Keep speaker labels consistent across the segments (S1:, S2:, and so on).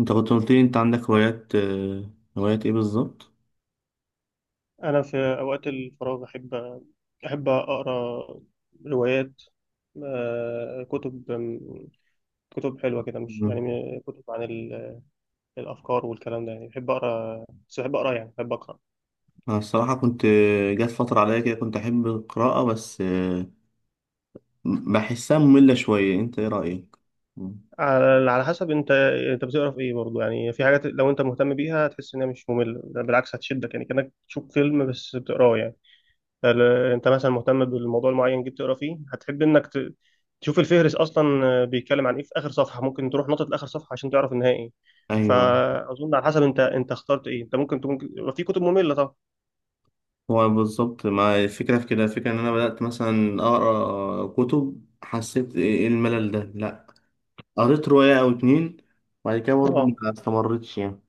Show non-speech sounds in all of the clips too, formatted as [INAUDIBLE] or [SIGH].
S1: انت كنت قلت لي انت عندك هوايات. هوايات ايه بالظبط؟
S2: أنا في أوقات الفراغ أحب أقرأ روايات. كتب، كتب حلوة كده، مش
S1: مم.
S2: يعني كتب عن الأفكار والكلام ده. يعني بحب أقرأ، بس بحب أقرأ، يعني بحب أقرأ
S1: انا الصراحه كنت آه، جات فتره عليا كده كنت احب القراءه، بس بحسها ممله شويه. انت ايه رايك؟ مم.
S2: على حسب أنت بتقرأ في إيه برضه؟ يعني في حاجات لو أنت مهتم بيها هتحس إنها مش مملة، ده بالعكس هتشدك، يعني كأنك تشوف فيلم بس بتقراه يعني. انت مثلا مهتم بالموضوع المعين جيت تقرا فيه، هتحب انك تشوف الفهرس اصلا. بيتكلم عن ايه في اخر صفحه، ممكن تروح نقطه لاخر صفحه عشان تعرف النهايه ايه.
S1: ايوه.
S2: فاظن على حسب انت اخترت ايه. انت ممكن تكون يبقى في كتب ممله طبعا.
S1: هو بالظبط ما الفكره في كده، الفكره ان انا بدات مثلا اقرا كتب، حسيت إيه الملل ده؟ لا، قريت روايه او اتنين وبعد كده برضه
S2: اه،
S1: ما استمرتش يعني.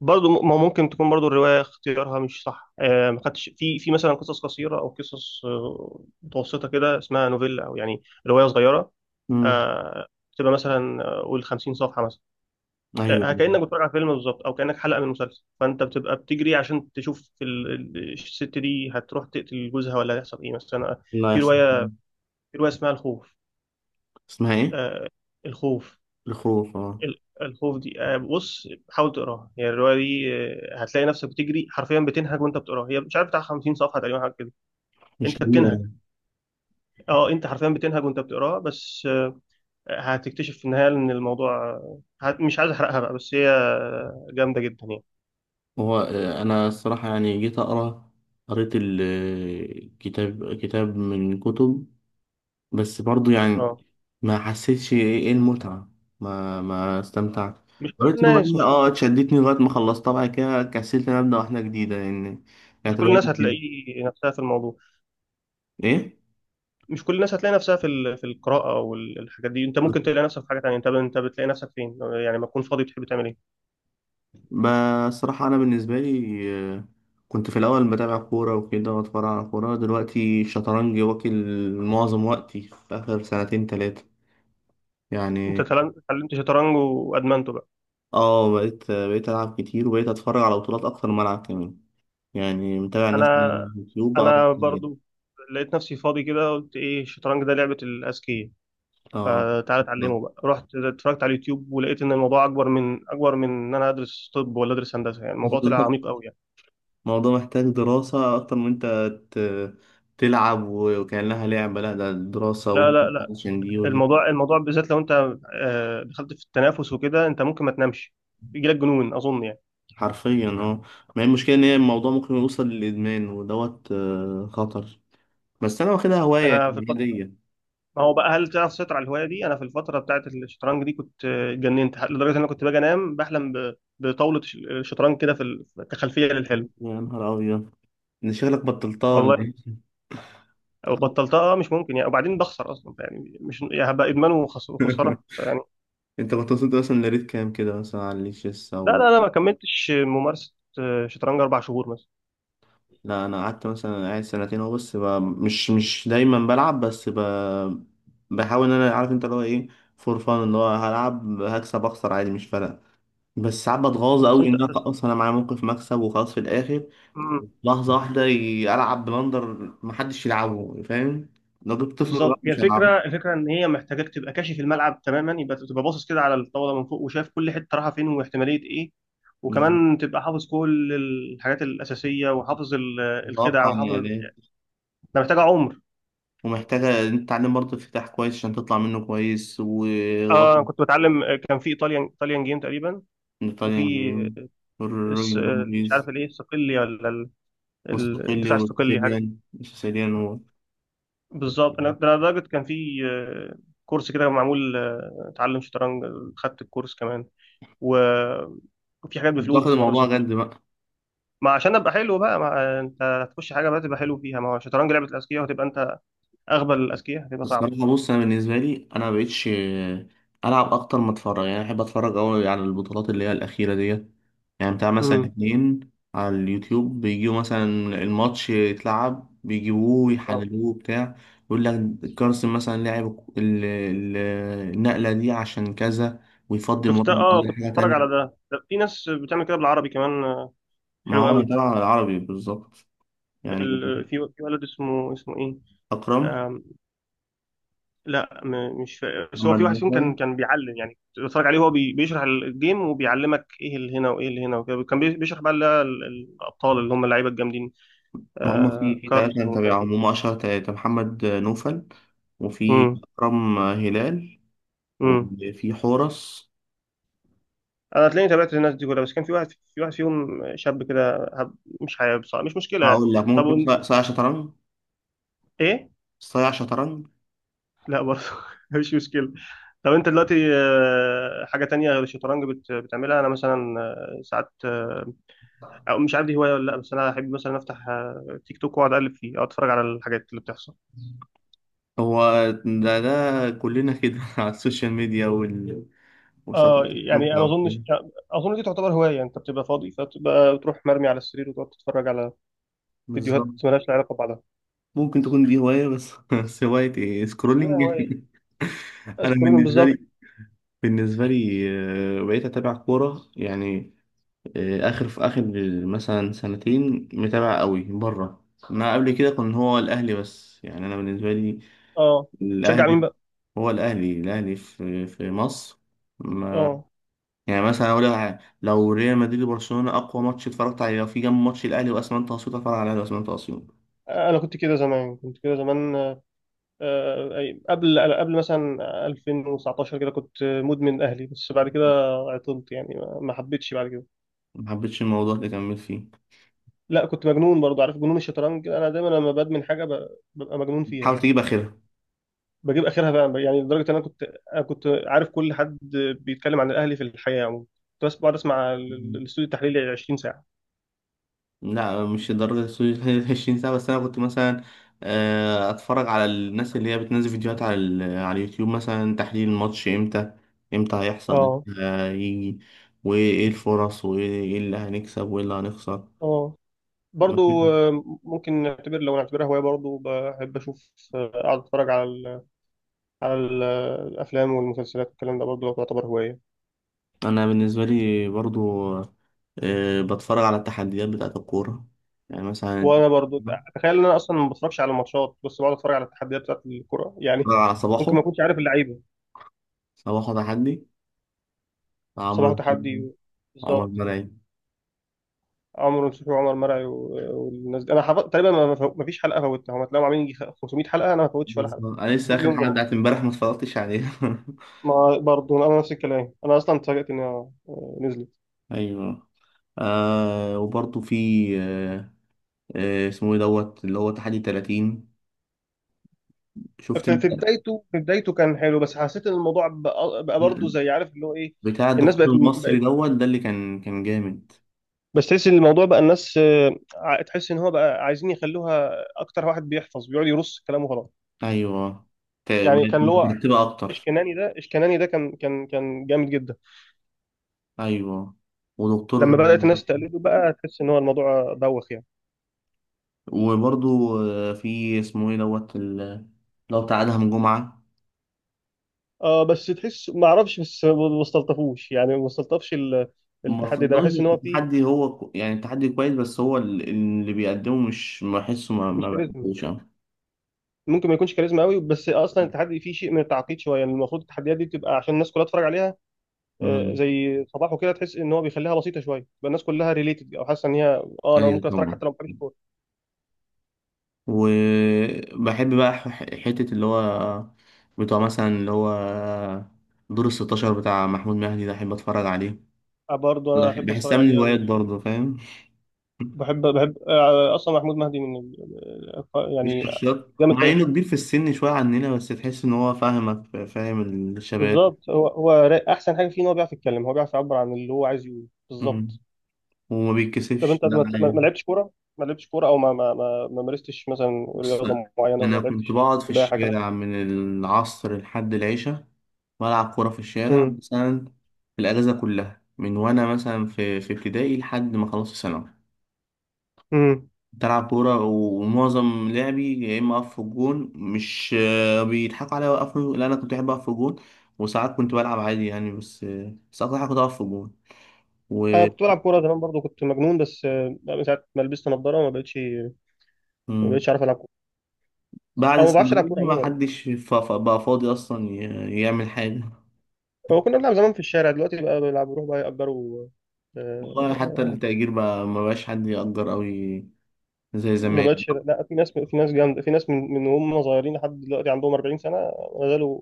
S2: برضه ما هو ممكن تكون برضه الروايه اختيارها مش صح. آه، ما خدتش في مثلا قصص قصيره، او قصص متوسطه كده اسمها نوفيلا، او يعني روايه صغيره.
S1: مم.
S2: آه، بتبقى مثلا قول 50 صفحه مثلا.
S1: ايوه.
S2: كأنك بتتفرج على فيلم بالظبط، او كأنك حلقة من مسلسل، فانت بتبقى بتجري عشان تشوف الست دي هتروح تقتل جوزها ولا هيحصل ايه مثلا.
S1: لا يا
S2: في
S1: اسطى.
S2: رواية، اسمها الخوف.
S1: اسمها ايه؟
S2: آه، الخوف.
S1: الخوف؟ اه،
S2: الخوف دي بص حاول تقراها. يعني الرواية دي هتلاقي نفسك بتجري حرفيا، بتنهج وانت بتقراها. هي مش عارف بتاع 50 صفحة تقريبا، حاجة كده.
S1: مش
S2: انت بتنهج.
S1: كبيره.
S2: اه انت حرفيا بتنهج وانت بتقراها، بس هتكتشف في النهاية ان الموضوع مش عايز احرقها بقى، بس هي جامدة جدا يعني.
S1: هو، انا الصراحه يعني جيت اقرا، قريت الكتاب كتاب من كتب، بس برضو يعني
S2: اه،
S1: ما حسيتش إيه المتعه، ما استمتعت.
S2: مش كل
S1: قريت
S2: الناس
S1: روايه،
S2: مش كل
S1: اه، اتشدتني لغايه ما خلصتها. بعد كده كسلت إن أنا ابدا واحده جديده، لان
S2: مش
S1: كانت
S2: كل
S1: روايه
S2: الناس هتلاقي نفسها في الموضوع.
S1: ايه؟
S2: مش كل الناس هتلاقي نفسها في في القراءة والحاجات دي. انت ممكن تلاقي نفسك في حاجة تانية. انت بتلاقي نفسك فين؟ يعني ما تكون فاضي تحب تعمل ايه؟
S1: بصراحه انا بالنسبه لي، آه، كنت في الاول بتابع كوره وكده واتفرج على كوره. دلوقتي الشطرنج واكل معظم وقتي في اخر سنتين ثلاثه
S2: انت
S1: يعني.
S2: اتعلمت شطرنج وادمنته بقى.
S1: اه، بقيت ألعب كتير وبقيت أتفرج على بطولات أكتر ما ألعب كمان، يعني متابع الناس اللي على
S2: انا،
S1: اليوتيوب بقى.
S2: برضو لقيت نفسي فاضي كده، قلت ايه الشطرنج ده لعبة الاذكياء،
S1: اه.
S2: فتعالى
S1: آه.
S2: اتعلمه بقى. رحت اتفرجت على اليوتيوب، ولقيت ان الموضوع اكبر من ان انا ادرس طب ولا ادرس هندسة، يعني الموضوع طلع عميق
S1: [LAUGHS]
S2: قوي يعني.
S1: الموضوع محتاج دراسة أكتر من أنت ت- تلعب وكأنها لعبة. لا، ده دراسة،
S2: لا
S1: ودي
S2: لا لا،
S1: عشان دي ودي،
S2: الموضوع بالذات لو انت دخلت في التنافس وكده، انت ممكن ما تنامش، بيجيلك جنون اظن يعني.
S1: حرفيا، اه. ما هي المشكلة إن هي الموضوع ممكن يوصل للإدمان ودوت، خطر. بس أنا واخدها هواية
S2: انا في
S1: يعني
S2: الفتره
S1: عادية.
S2: ما هو بقى هل تعرف تسيطر على الهوايه دي؟ انا في الفتره بتاعت الشطرنج دي كنت اتجننت لدرجه ان انا كنت باجي انام بحلم بطاوله شطرنج كده في كخلفيه للحلم.
S1: يا نهار أبيض! إن شغلك بطلتها ولا
S2: والله
S1: إيه؟
S2: بطلتها، مش ممكن يعني، وبعدين بخسر اصلا يعني، مش يعني هبقى ادمان وخساره يعني.
S1: [LAUGHS] انت كنت وصلت مثلا لريت كام كده مثلا على الشيس
S2: لا
S1: او...
S2: لا لا، ما كملتش ممارسه. شطرنج 4 شهور مثلا.
S1: لا، انا قعدت مثلا قاعد سنتين اهو، بس مش دايما بلعب، بس بحاول ان انا عارف انت اللي هو ايه، فور فان، اللي هو هلعب هكسب اخسر عادي مش فارقه. بس ساعات بتغاظ
S2: بس
S1: قوي
S2: انت
S1: ان انا
S2: بس
S1: خلاص، انا معايا موقف مكسب وخلاص في الاخر، لحظه واحده العب بلندر، محدش يلعبه، فاهم؟ لو جبت طفل صغير
S2: بالظبط هي
S1: مش هيلعبه.
S2: الفكره، الفكره ان هي محتاجاك تبقى كاشف الملعب تماما، يبقى تبقى باصص كده على الطاوله من فوق وشايف كل حته رايحه فين واحتماليه ايه، وكمان تبقى حافظ كل الحاجات الاساسيه، وحافظ الخدع،
S1: متوقع
S2: وحافظ.
S1: يعني.
S2: ده محتاجه عمر.
S1: ومحتاجه إن أنت تتعلم برضه افتتاح كويس عشان تطلع منه كويس و
S2: اه أنا
S1: وطن،
S2: كنت بتعلم، كان في ايطاليان جيم تقريبا، وفي
S1: ايطاليان
S2: الس-
S1: جيم،
S2: مش عارف الايه الصقلي ولا
S1: مستقلي
S2: الدفاع الصقلي حاجه كده.
S1: وسيسيليان. سيسيليان هو.
S2: بالظبط. انا ده لدرجه كان في كورس كده معمول تعلم شطرنج. خدت الكورس كمان، و وفي حاجات
S1: كنت
S2: بفلوس
S1: واخد
S2: بس ما رضيتش
S1: الموضوع
S2: اخش.
S1: جد بقى.
S2: ما عشان ابقى حلو بقى، ما انت هتخش حاجه بقى تبقى حلو فيها، ما هو الشطرنج لعبه الاذكياء، وهتبقى انت اغبى الاذكياء هتبقى صعبه.
S1: الصراحة بص، أنا بالنسبة لي أنا مبقتش ألعب أكتر ما أتفرج. يعني أحب أتفرج أوي على البطولات اللي هي الأخيرة ديت، يعني بتاع مثلا
S2: امم.
S1: اتنين. على اليوتيوب بيجيبوا مثلا الماتش يتلعب، بيجيبوه
S2: اه
S1: يحللوه بتاع، يقول لك كارسن مثلا لعب ال- ال- النقلة دي عشان كذا، ويفضي المربع
S2: شفتها. اه
S1: دي
S2: كنت
S1: لحاجة
S2: بتفرج على
S1: تانية.
S2: ده، ده في ناس بتعمل كده بالعربي كمان.
S1: ما
S2: حلو
S1: هو أنا
S2: قوي.
S1: بتابع العربي بالظبط. يعني
S2: ال... في ولد اسمه اسمه ايه.
S1: أكرم.
S2: آم... لا م... مش فا... بس هو في
S1: محمد
S2: واحد فيهم
S1: ناصر.
S2: كان بيعلم يعني، كنت بتفرج عليه وهو بي... بيشرح الجيم وبيعلمك ايه اللي هنا وايه اللي هنا وكده، كان بيشرح بقى اللي هي الابطال اللي هم اللعيبه الجامدين.
S1: ما هم في
S2: آه...
S1: في ثلاثة
S2: كارلس
S1: أنا
S2: والناس دي.
S1: متابعهم، هم أشهر ثلاثة: محمد نوفل، وفي أكرم هلال،
S2: امم.
S1: وفي حورس.
S2: انا تلاقيني تابعت الناس دي كلها، بس كان في واحد فيهم شاب كده مش حابب صح، مش مشكله يعني.
S1: هقول لك
S2: طب
S1: ممكن يكون صايع شطرنج.
S2: ايه،
S1: صايع شطرنج.
S2: لا برضه [LAUGHS] مش مشكله. طب انت دلوقتي حاجه تانية غير الشطرنج بتعملها؟ انا مثلا آه، ساعات آه، او مش عارف دي هوايه ولا لا، بس انا احب مثلا افتح تيك توك واقعد اقلب فيه، او اتفرج على الحاجات اللي بتحصل.
S1: هو ده كلنا كده [LAUGHS] على السوشيال ميديا
S2: اه
S1: وسواء تيك
S2: يعني
S1: توك
S2: انا ما
S1: أو
S2: اظنش،
S1: كده.
S2: اظن دي تعتبر هوايه. انت بتبقى فاضي فتبقى بتروح مرمي على السرير وتقعد تتفرج على فيديوهات
S1: بالظبط.
S2: مالهاش علاقه ببعضها.
S1: ممكن تكون دي هواية، بس [LAUGHS] بس هواية إيه؟
S2: اعتبرها
S1: سكرولينج.
S2: هوايه.
S1: [LAUGHS] أنا
S2: سكرولنج
S1: بالنسبة
S2: بالظبط.
S1: لي، بالنسبة لي بقيت أتابع كورة. يعني في اخر مثلا سنتين متابع قوي بره. ما قبل كده كان هو الاهلي بس، يعني انا بالنسبه لي
S2: اه تشجع
S1: الاهلي،
S2: مين بقى؟
S1: هو الاهلي في مصر، ما...
S2: اه
S1: يعني مثلا اقول لك حاجة، لو ريال مدريد وبرشلونه اقوى ماتش اتفرجت عليه في جنب ماتش الاهلي واسمنت اسيوط، اتفرج على الاهلي واسمنت اسيوط.
S2: انا كنت كده زمان، كنت كده زمان، قبل مثلا 2019 كده كنت مدمن اهلي. بس بعد كده عطلت يعني، ما حبيتش بعد كده.
S1: ما حبيتش الموضوع اللي كملت فيه.
S2: لا كنت مجنون برضه، عارف جنون الشطرنج كده، انا دايما لما بدمن حاجه ببقى مجنون
S1: حاول
S2: فيها.
S1: تجيب اخرها.
S2: بجيب اخرها بقى، يعني لدرجه ان انا كنت عارف كل حد بيتكلم عن الاهلي في الحياه عموما. كنت بس بقعد اسمع الاستوديو التحليلي 20 ساعه.
S1: لا مش لدرجة السويس. [LAUGHS] 20 سنة. بس أنا كنت مثلا أتفرج على الناس اللي هي بتنزل فيديوهات على اليوتيوب، مثلا تحليل الماتش إمتى، هيحصل،
S2: اه.
S1: إمتى هيجي، وإيه الفرص، وإيه اللي هنكسب وإيه اللي هنخسر.
S2: اه
S1: مفيش-
S2: برضو ممكن نعتبر لو نعتبرها هواية، برضو بحب أشوف. أقعد أتفرج على على الافلام والمسلسلات والكلام ده برضه، لو تعتبر هوايه.
S1: أنا بالنسبة لي برضو، بتفرج على التحديات بتاعة الكورة. يعني مثلا
S2: وانا برضه تخيل ان انا اصلا ما بتفرجش على الماتشات، بس بقعد اتفرج على التحديات بتاعت الكوره [LAUGHS] يعني.
S1: بتفرج على
S2: ممكن
S1: صباحه.
S2: ما اكونش عارف اللعيبه.
S1: صباحه تحدي، عمرو
S2: صباح
S1: نصوحي،
S2: تحدي
S1: عمر
S2: بالظبط.
S1: مرعي.
S2: عمرو نصوحي وعمر مرعي والناس دي انا حفظت تقريبا، ما فيش حلقه فوتها، هم تلاقيهم عاملين يجي 500 حلقه. انا ما فوتش ولا حلقه.
S1: بالظبط. أنا لسه
S2: كل
S1: آخر
S2: يوم
S1: حلقة
S2: جمعه.
S1: بتاعت إمبارح ما اتفرجتش عليها. [LAUGHS]
S2: ما برضه انا نفس الكلام، انا اصلا اتفاجئت انها نزلت.
S1: ايوه. وبرضه في، آه اسمه ايه دوت اللي هو تحدي 30، شفت انت
S2: في بدايته كان حلو، بس حسيت ان الموضوع بقى، برضه زي عارف اللي هو ايه.
S1: بتاع
S2: الناس بقت.
S1: الدكتور المصري دوت ده اللي كان جامد؟
S2: بس تحس ان الموضوع بقى الناس، تحس ان هو بقى عايزين يخلوها، اكتر واحد بيحفظ بيقعد يرص كلامه خلاص.
S1: ايوه،
S2: يعني كان
S1: بقت
S2: اللي هو
S1: مترتبة اكتر.
S2: اشكناني ده كان جامد جدا.
S1: ايوه، ودكتور.
S2: لما بدات الناس تقلده بقى، تحس ان هو الموضوع بوخ يعني.
S1: وبرضه، في اسمه ايه دوت لو بتاع ادهم جمعة.
S2: اه بس تحس ما اعرفش، بس ما استلطفوش يعني، ما استلطفش
S1: ما
S2: التحدي ده، بحس
S1: فضلش
S2: ان
S1: في
S2: هو فيه
S1: التحدي. هو يعني التحدي كويس بس هو اللي بيقدمه مش بحسه، ما
S2: مش
S1: ما
S2: كاريزما،
S1: بحبوش أوي.
S2: ممكن ما يكونش كاريزما قوي. بس اصلا التحدي فيه شيء من التعقيد شويه يعني، المفروض التحديات دي بتبقى عشان الناس كلها تتفرج عليها.
S1: امم.
S2: زي صباحه كده، تحس ان هو بيخليها بسيطه شويه بقى الناس كلها ريليتد، او حاسه ان هي اه انا
S1: ايوه
S2: ممكن اتفرج
S1: طبعا.
S2: حتى لو ما بحبش الكوره.
S1: وبحب بقى حتة اللي هو بتوع مثلا اللي هو دور الستاشر بتاع محمود مهدي ده، أحب أتفرج عليه.
S2: برضه انا احب اتفرج
S1: بحسها من
S2: عليه
S1: الهوايات
S2: قوي.
S1: برضه، فاهم. [LAUGHS]
S2: بحب اصلا محمود مهدي من
S1: مش
S2: يعني
S1: شخصيات.
S2: جامد
S1: مع
S2: فيها.
S1: إنه كبير في السن شوية عننا بس تحس إن هو فاهمك. فاهم الشباب.
S2: بالظبط. هو احسن حاجه فيه ان هو بيعرف يتكلم، هو بيعرف يعبر عن اللي هو عايز يقوله
S1: مم.
S2: بالظبط.
S1: وما
S2: طب
S1: بيتكسفش
S2: انت
S1: ده.
S2: ما لعبتش كوره؟ ما لعبتش كوره، او ما مارستش مثلا
S1: بص،
S2: رياضه معينه، ما
S1: أنا كنت
S2: لعبتش
S1: بقعد في
S2: سباحه كلام.
S1: الشارع من العصر لحد العشاء، بلعب كورة في الشارع
S2: امم
S1: مثلا، في الأجازة كلها، من وأنا مثلا في ابتدائي لحد ما خلصت ثانوي.
S2: امم
S1: بلعب كورة ومعظم لعبي يا إما أقف في الجون. مش بيضحكوا عليا وأقف، لا، أنا كنت بحب أقف في الجون. وساعات كنت بلعب عادي يعني، بس بس أكتر حاجة كنت أقف في الجون و...
S2: انا كنت بلعب كوره زمان برضو، كنت مجنون، بس من ساعه ما لبست نظاره ما بقتش ما
S1: مم.
S2: بقتش عارف العب كوره.
S1: بعد
S2: او ما بعرفش العب كوره
S1: الثانوية ما
S2: عموما.
S1: حدش بقى فاضي أصلا يعمل حاجة.
S2: هو كنا بنلعب زمان في الشارع، دلوقتي بقى بلعب بروح بقى يأجروا.
S1: والله حتى
S2: آه،
S1: التأجير بقى ما بقاش حد يأجر أوي زي
S2: ما
S1: زمان.
S2: بقتش. لا في ناس جامده، في ناس من هم صغيرين لحد دلوقتي عندهم 40 سنه ما زالوا،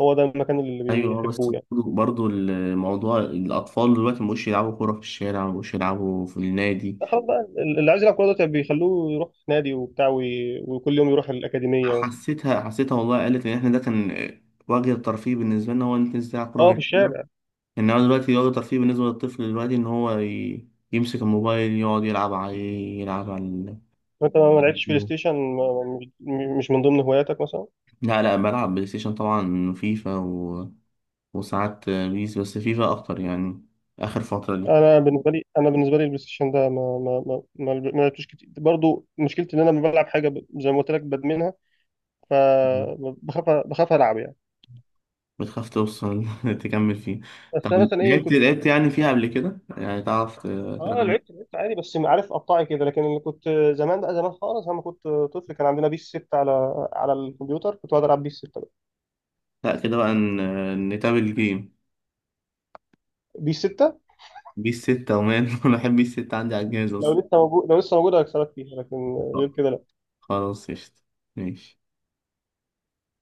S2: هو ده المكان اللي
S1: أيوه. بس
S2: بيحبوه يعني.
S1: برضو برضو الموضوع الأطفال دلوقتي مبقوش يلعبوا كورة في الشارع، مبقوش يلعبوا في النادي.
S2: خلاص بقى اللي عايز يلعب كوره دلوقتي بيخلوه يروح في نادي وبتاع وكل يوم يروح الاكاديميه و...
S1: حسيتها حسيتها والله، قالت إن إحنا ده كان وجه الترفيه بالنسبة لنا هو إن أنت تنزل تلعب كورة في
S2: اه في
S1: الشارع.
S2: الشارع.
S1: إنما دلوقتي وجه الترفيه بالنسبة للطفل دلوقتي إن هو يمسك الموبايل يقعد يلعب عليه، يلعب
S2: انت
S1: على
S2: ما لعبتش بلاي
S1: اليوتيوب.
S2: ستيشن؟ مش، مش من ضمن هواياتك مثلا؟
S1: لا لا، بلعب بلاي ستيشن طبعا، فيفا وساعات بيس، بس فيفا أكتر يعني آخر فترة دي.
S2: انا بالنسبه لي البلاي ستيشن ده ما لعبتوش كتير برضو. مشكلتي ان انا لما بلعب حاجه زي ما قلت لك بدمنها،
S1: مم.
S2: فبخاف، بخاف العب يعني.
S1: بتخاف توصل [LAUGHS] تكمل فيه؟ طب
S2: بس انا مثلا ايه
S1: لعبت مم.
S2: كنت،
S1: لعبت يعني فيها قبل كده يعني تعرف
S2: اه
S1: تلعب؟
S2: لعبت عادي بس عارف قطعي كده، لكن اللي كنت زمان بقى، زمان خالص لما كنت طفل كان عندنا بيس 6 على على الكمبيوتر، كنت بقعد العب بيس 6 بقى.
S1: لا كده بقى نتابع الجيم.
S2: بيس 6
S1: بيس 6 ومان. [LAUGHS] أنا بحب بيس 6، عندي على الجهاز أصلا.
S2: لو لسه موجود، لو لسه موجوده هكسبك فيها، لكن غير كده.
S1: خلاص قشطة. ماشي.